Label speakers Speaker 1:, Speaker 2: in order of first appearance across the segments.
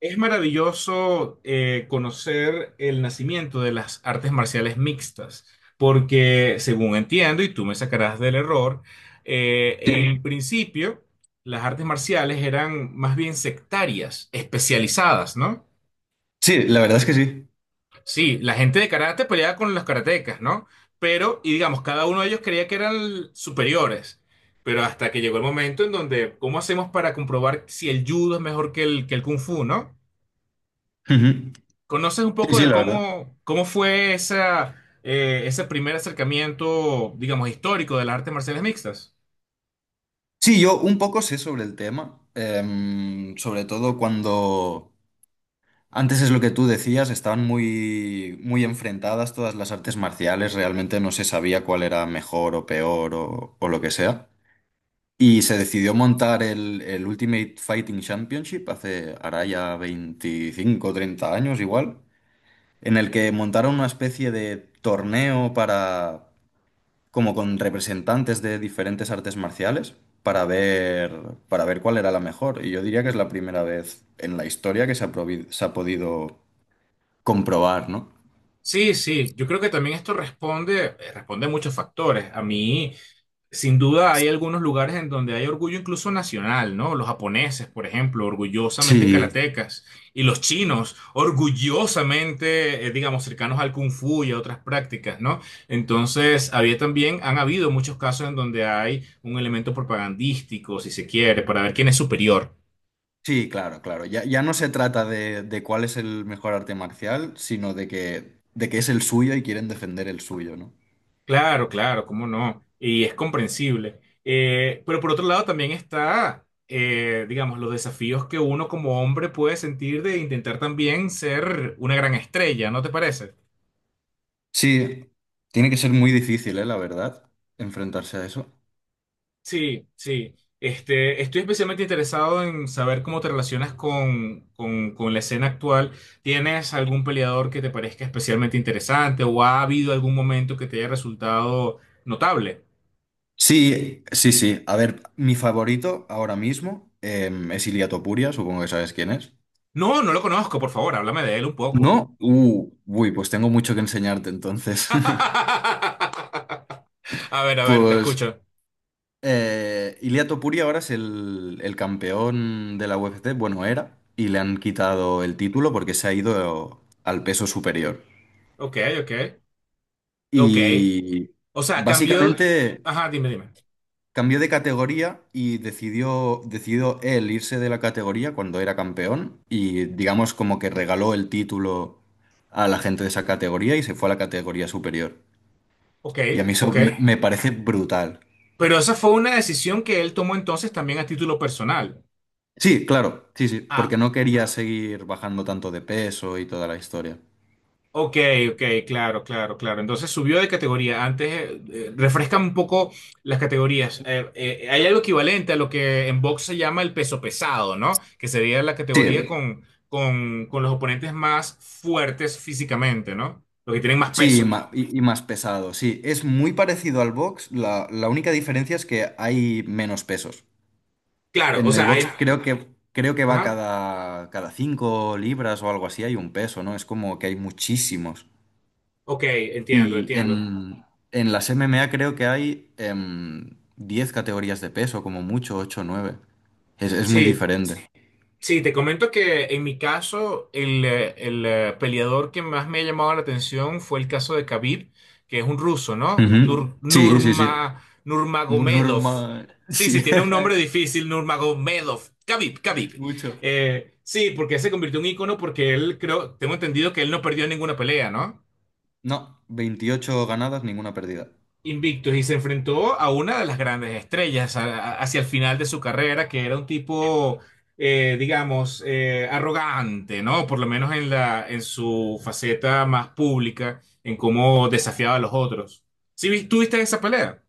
Speaker 1: Es maravilloso, conocer el nacimiento de las artes marciales mixtas, porque según entiendo, y tú me sacarás del error,
Speaker 2: Sí,
Speaker 1: en principio las artes marciales eran más bien sectarias, especializadas, ¿no?
Speaker 2: sí, la verdad es que sí.
Speaker 1: Sí, la gente de karate peleaba con los karatecas, ¿no? Pero, y digamos, cada uno de ellos creía que eran superiores, pero hasta que llegó el momento en donde, ¿cómo hacemos para comprobar si el judo es mejor que que el kung fu, ¿no?
Speaker 2: Ujú.
Speaker 1: ¿Conoces un
Speaker 2: Sí,
Speaker 1: poco
Speaker 2: sí,
Speaker 1: de
Speaker 2: la verdad.
Speaker 1: cómo fue esa, ese primer acercamiento, digamos, histórico de las artes marciales mixtas?
Speaker 2: Sí, yo un poco sé sobre el tema, sobre todo cuando antes es lo que tú decías, estaban muy, muy enfrentadas todas las artes marciales, realmente no se sabía cuál era mejor o peor o lo que sea. Y se decidió montar el Ultimate Fighting Championship hace, ahora ya 25, o 30 años igual, en el que montaron una especie de torneo para como con representantes de diferentes artes marciales para ver, para ver cuál era la mejor. Y yo diría que es la primera vez en la historia que se ha podido comprobar, ¿no?
Speaker 1: Sí, sí, yo creo que también esto responde, responde a muchos factores. A mí, sin duda, hay algunos lugares en donde hay orgullo incluso nacional, ¿no? Los japoneses, por ejemplo, orgullosamente
Speaker 2: Sí.
Speaker 1: karatecas, y los chinos, orgullosamente, digamos, cercanos al kung fu y a otras prácticas, ¿no? Entonces, había también, han habido muchos casos en donde hay un elemento propagandístico, si se quiere, para ver quién es superior.
Speaker 2: Sí, claro, claro. Ya no se trata de cuál es el mejor arte marcial, sino de que es el suyo y quieren defender el suyo, ¿no?
Speaker 1: Claro, claro, cómo no. Y es comprensible. Pero por otro lado también está, digamos, los desafíos que uno como hombre puede sentir de intentar también ser una gran estrella, ¿no te parece?
Speaker 2: Sí, tiene que ser muy difícil, ¿eh? La verdad, enfrentarse a eso.
Speaker 1: Sí, sí. Este, estoy especialmente interesado en saber cómo te relacionas con la escena actual. ¿Tienes algún peleador que te parezca especialmente interesante o ha habido algún momento que te haya resultado notable?
Speaker 2: Sí, sí, sí. A ver, mi favorito ahora mismo es Ilia Topuria, supongo que sabes quién es.
Speaker 1: No, no lo conozco, por favor, háblame de él un poco.
Speaker 2: ¿No? Uy, pues tengo mucho que enseñarte entonces.
Speaker 1: A ver, te
Speaker 2: Pues
Speaker 1: escucho.
Speaker 2: Ilia Topuria ahora es el campeón de la UFC, bueno, era, y le han quitado el título porque se ha ido al peso superior.
Speaker 1: Ok, ok, ok.
Speaker 2: Y
Speaker 1: O sea, cambió.
Speaker 2: básicamente
Speaker 1: Ajá, dime, dime.
Speaker 2: cambió de categoría y decidió él irse de la categoría cuando era campeón y digamos como que regaló el título a la gente de esa categoría y se fue a la categoría superior.
Speaker 1: Ok,
Speaker 2: Y a mí eso
Speaker 1: ok.
Speaker 2: me parece brutal.
Speaker 1: Pero esa fue una decisión que él tomó entonces también a título personal.
Speaker 2: Sí, claro, sí, sí,
Speaker 1: Ah,
Speaker 2: porque no quería seguir bajando tanto de peso y toda la historia.
Speaker 1: ok, ok, claro, claro, claro. Entonces subió de categoría. Antes, refrescan un poco las categorías. Hay algo equivalente a lo que en box se llama el peso pesado, ¿no? Que sería la categoría
Speaker 2: Sí,
Speaker 1: con, con los oponentes más fuertes físicamente, ¿no? Los que tienen más
Speaker 2: sí,
Speaker 1: peso.
Speaker 2: ma- y más pesado, sí. Es muy parecido al box, la única diferencia es que hay menos pesos.
Speaker 1: Claro, o
Speaker 2: En el
Speaker 1: sea,
Speaker 2: box, claro,
Speaker 1: hay...
Speaker 2: creo que va
Speaker 1: Ajá.
Speaker 2: cada 5 libras o algo así, hay un peso, ¿no? Es como que hay muchísimos.
Speaker 1: Ok, entiendo,
Speaker 2: Y
Speaker 1: entiendo.
Speaker 2: en, en las MMA creo que hay 10 categorías de peso, como mucho, 8, o 9. Es muy
Speaker 1: Sí,
Speaker 2: diferente.
Speaker 1: sí, te comento que en mi caso el peleador que más me ha llamado la atención fue el caso de Khabib, que es un ruso, ¿no?
Speaker 2: Ujú.
Speaker 1: Nur,
Speaker 2: Sí, sí, sí.
Speaker 1: Nurma,
Speaker 2: Mu-
Speaker 1: Nurmagomedov.
Speaker 2: normal.
Speaker 1: Sí,
Speaker 2: Sí,
Speaker 1: sí, tiene un nombre difícil, Nurmagomedov. Khabib, Khabib.
Speaker 2: mucho.
Speaker 1: Sí, porque se convirtió en ícono porque él, creo, tengo entendido que él no perdió ninguna pelea, ¿no?
Speaker 2: No, 28 ganadas, ninguna perdida.
Speaker 1: Invictus y se enfrentó a una de las grandes estrellas a- hacia el final de su carrera, que era un tipo, digamos, arrogante, ¿no? Por lo menos en la, en su faceta más pública, en cómo desafiaba a los otros. ¿Sí vis- tú viste esa pelea?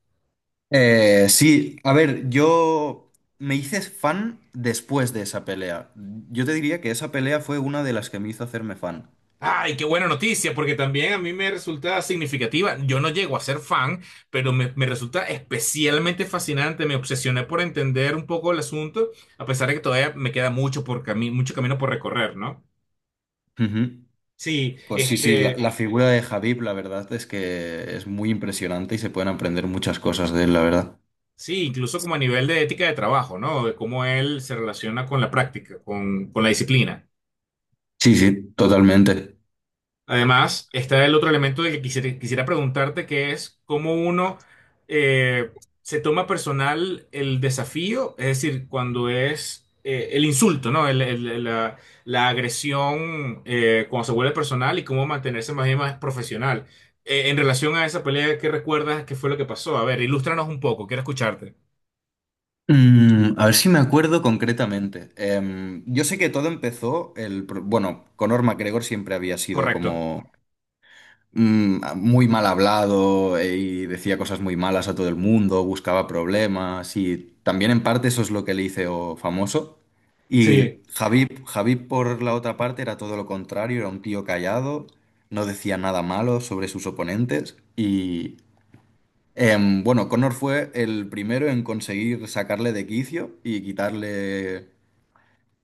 Speaker 2: Sí, a ver, yo me hice fan después de esa pelea. Yo te diría que esa pelea fue una de las que me hizo hacerme fan.
Speaker 1: Ay, qué buena noticia, porque también a mí me resulta significativa. Yo no llego a ser fan, pero me resulta especialmente fascinante. Me obsesioné por entender un poco el asunto, a pesar de que todavía me queda mucho por cami- mucho camino por recorrer, ¿no?
Speaker 2: Ujú.
Speaker 1: Sí,
Speaker 2: Pues sí, sí, la,
Speaker 1: este,
Speaker 2: la figura de Javib, la verdad es que es muy impresionante y se pueden aprender muchas cosas de él, la verdad.
Speaker 1: sí, incluso como a nivel de ética de trabajo, ¿no? De cómo él se relaciona con la práctica, con la disciplina.
Speaker 2: Sí, sí, totalmente.
Speaker 1: Además, está el otro elemento de que quisiera preguntarte, que es cómo uno eh, se toma personal el desafío, es decir, cuando es, el insulto, ¿no? La, la agresión, cuando se vuelve personal y cómo mantenerse más bien más profesional. En relación a esa pelea, ¿qué recuerdas? ¿Qué fue lo que pasó? A ver, ilústranos un poco, quiero escucharte.
Speaker 2: Mm, a ver si me acuerdo concretamente. Yo sé que todo empezó bueno, Conor McGregor siempre había sido
Speaker 1: Correcto.
Speaker 2: como mm, muy mal hablado, y decía cosas muy malas a todo el mundo, buscaba problemas y también en parte eso es lo que le hizo famoso.
Speaker 1: Sí,
Speaker 2: Y Javib por la otra parte era todo lo contrario, era un tío callado, no decía nada malo sobre sus oponentes. Bueno, Connor fue el primero en conseguir sacarle de quicio y quitarle,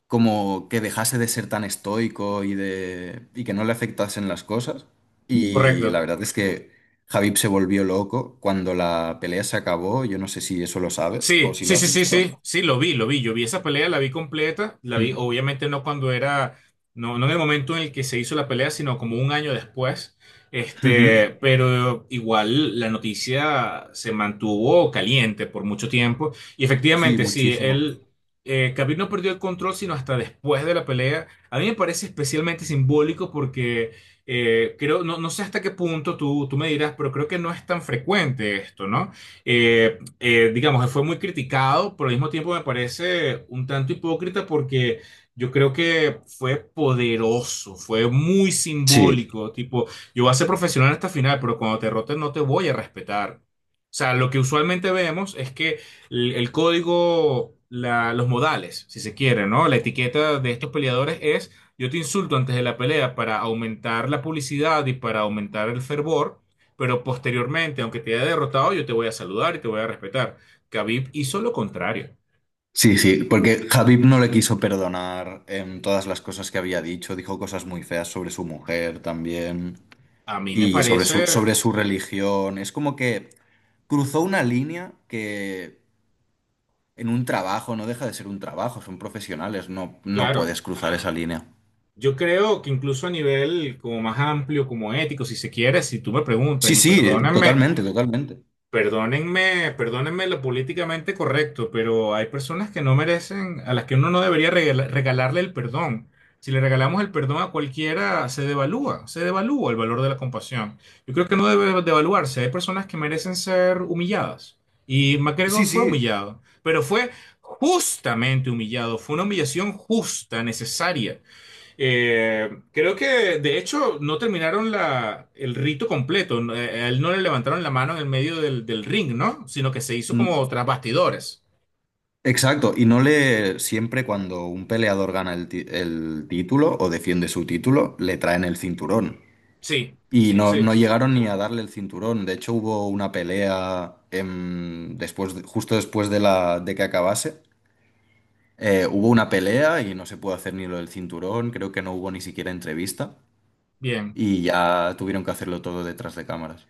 Speaker 2: como que dejase de ser tan estoico y que no le afectasen las cosas. Y la
Speaker 1: correcto.
Speaker 2: verdad es que Javib se volvió loco cuando la pelea se acabó. Yo no sé si eso lo sabes o
Speaker 1: Sí,
Speaker 2: si lo
Speaker 1: sí, sí,
Speaker 2: has
Speaker 1: sí,
Speaker 2: visto.
Speaker 1: sí, sí, lo vi, yo vi esa pelea, la vi completa, la vi
Speaker 2: Mm.
Speaker 1: obviamente no cuando era, no, no en el momento en el que se hizo la pelea, sino como un año después,
Speaker 2: Ujú.
Speaker 1: este, pero igual la noticia se mantuvo caliente por mucho tiempo y
Speaker 2: Sí,
Speaker 1: efectivamente sí,
Speaker 2: muchísimo.
Speaker 1: él, Khabib no perdió el control sino hasta después de la pelea, a mí me parece especialmente simbólico porque, creo, no, no sé hasta qué punto tú me dirás, pero creo que no es tan frecuente esto, ¿no? Eh, digamos, fue muy criticado, pero al mismo tiempo me parece un tanto hipócrita porque yo creo que fue poderoso, fue muy
Speaker 2: Sí,
Speaker 1: simbólico, tipo, yo voy a ser profesional hasta el final, pero cuando te roten no te voy a respetar. O sea, lo que usualmente vemos es que el código, los modales, si se quiere, ¿no? La etiqueta de estos peleadores es, yo te insulto antes de la pelea para aumentar la publicidad y para aumentar el fervor, pero posteriormente, aunque te haya derrotado, yo te voy a saludar y te voy a respetar. Khabib hizo lo contrario.
Speaker 2: sí, sí, porque Javib no le quiso perdonar en todas las cosas que había dicho, dijo cosas muy feas sobre su mujer también,
Speaker 1: A mí me
Speaker 2: y
Speaker 1: parece,
Speaker 2: sobre su religión. Es como que cruzó una línea que en un trabajo no deja de ser un trabajo, son profesionales, no, no
Speaker 1: claro,
Speaker 2: puedes cruzar esa línea.
Speaker 1: yo creo que incluso a nivel como más amplio, como ético, si se quiere, si tú me preguntas,
Speaker 2: Sí,
Speaker 1: y
Speaker 2: sí,
Speaker 1: perdóname,
Speaker 2: totalmente, totalmente.
Speaker 1: perdónenme, perdónenme lo políticamente correcto, pero hay personas que no merecen, a las que uno no debería regala- regalarle el perdón. Si le regalamos el perdón a cualquiera, se devalúa el valor de la compasión. Yo creo que no debe devaluarse. Hay personas que merecen ser humilladas. Y MacGregor
Speaker 2: Sí,
Speaker 1: fue
Speaker 2: sí,
Speaker 1: humillado, pero fue justamente humillado. Fue una humillación justa, necesaria. Creo que, de hecho, no terminaron la, el rito completo. No, a él no le levantaron la mano en el medio del, del ring, ¿no? Sino que se hizo
Speaker 2: mm,
Speaker 1: como tras bastidores.
Speaker 2: exacto. Y no le, siempre cuando un peleador gana el título o defiende su título, le traen el cinturón.
Speaker 1: Sí,
Speaker 2: Y no,
Speaker 1: sí,
Speaker 2: no llegaron ni a darle el cinturón. De hecho, hubo una pelea después, de- justo después de de que acabase. Hubo una pelea y no se pudo hacer ni lo del cinturón, creo que no hubo ni siquiera entrevista
Speaker 1: bien.
Speaker 2: y ya tuvieron que hacerlo todo detrás de cámaras.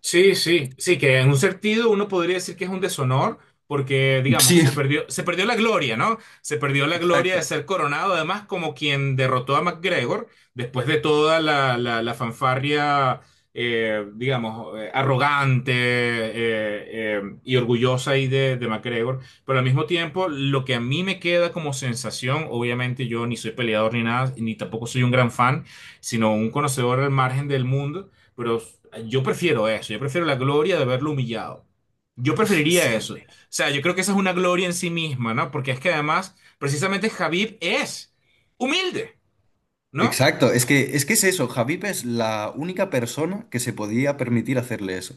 Speaker 1: Sí, sí, sí, que en un sentido uno podría decir que es un deshonor porque, digamos,
Speaker 2: Sí,
Speaker 1: se perdió la gloria, ¿no? Se perdió la gloria de
Speaker 2: exacto.
Speaker 1: ser coronado, además como quien derrotó a McGregor después de toda la fanfarria, digamos, arrogante y orgullosa ahí de McGregor. Pero al mismo tiempo, lo que a mí me queda como sensación, obviamente yo ni soy peleador ni nada, ni tampoco soy un gran fan, sino un conocedor al margen del mundo. Pero yo prefiero eso, yo prefiero la gloria de verlo humillado. Yo preferiría
Speaker 2: Sí,
Speaker 1: eso. O sea, yo creo que esa es una gloria en sí misma, ¿no? Porque es que además, precisamente Javib es humilde, ¿no?
Speaker 2: exacto. Es que, es que es eso, Javip es la única persona que se podía permitir hacerle eso.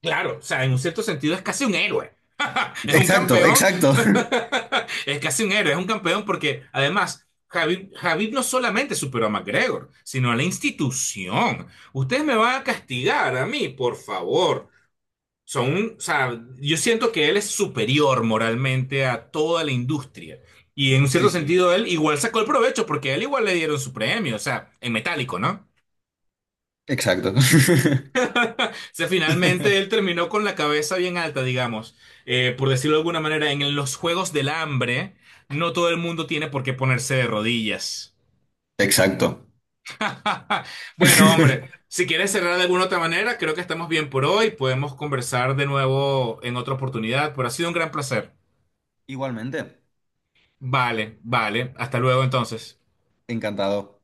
Speaker 1: Claro, o sea, en un cierto sentido es casi un héroe. Es un
Speaker 2: Exacto,
Speaker 1: campeón.
Speaker 2: exacto.
Speaker 1: Es casi un héroe, es un campeón porque además... Javib, Javib no solamente superó a McGregor, sino a la institución. Ustedes me van a castigar a mí, por favor. Son un, o sea, yo siento que él es superior moralmente a toda la industria. Y en un cierto
Speaker 2: Sí, sí.
Speaker 1: sentido, él igual sacó el provecho porque a él igual le dieron su premio, o sea, en metálico, ¿no?
Speaker 2: Exacto.
Speaker 1: O sea, finalmente él terminó con la cabeza bien alta, digamos. Por decirlo de alguna manera, en los Juegos del Hambre, no todo el mundo tiene por qué ponerse de rodillas.
Speaker 2: Exacto.
Speaker 1: Bueno, hombre, si quieres cerrar de alguna otra manera, creo que estamos bien por hoy. Podemos conversar de nuevo en otra oportunidad, pero ha sido un gran placer.
Speaker 2: Igualmente,
Speaker 1: Vale, vale. Hasta luego entonces.
Speaker 2: encantado.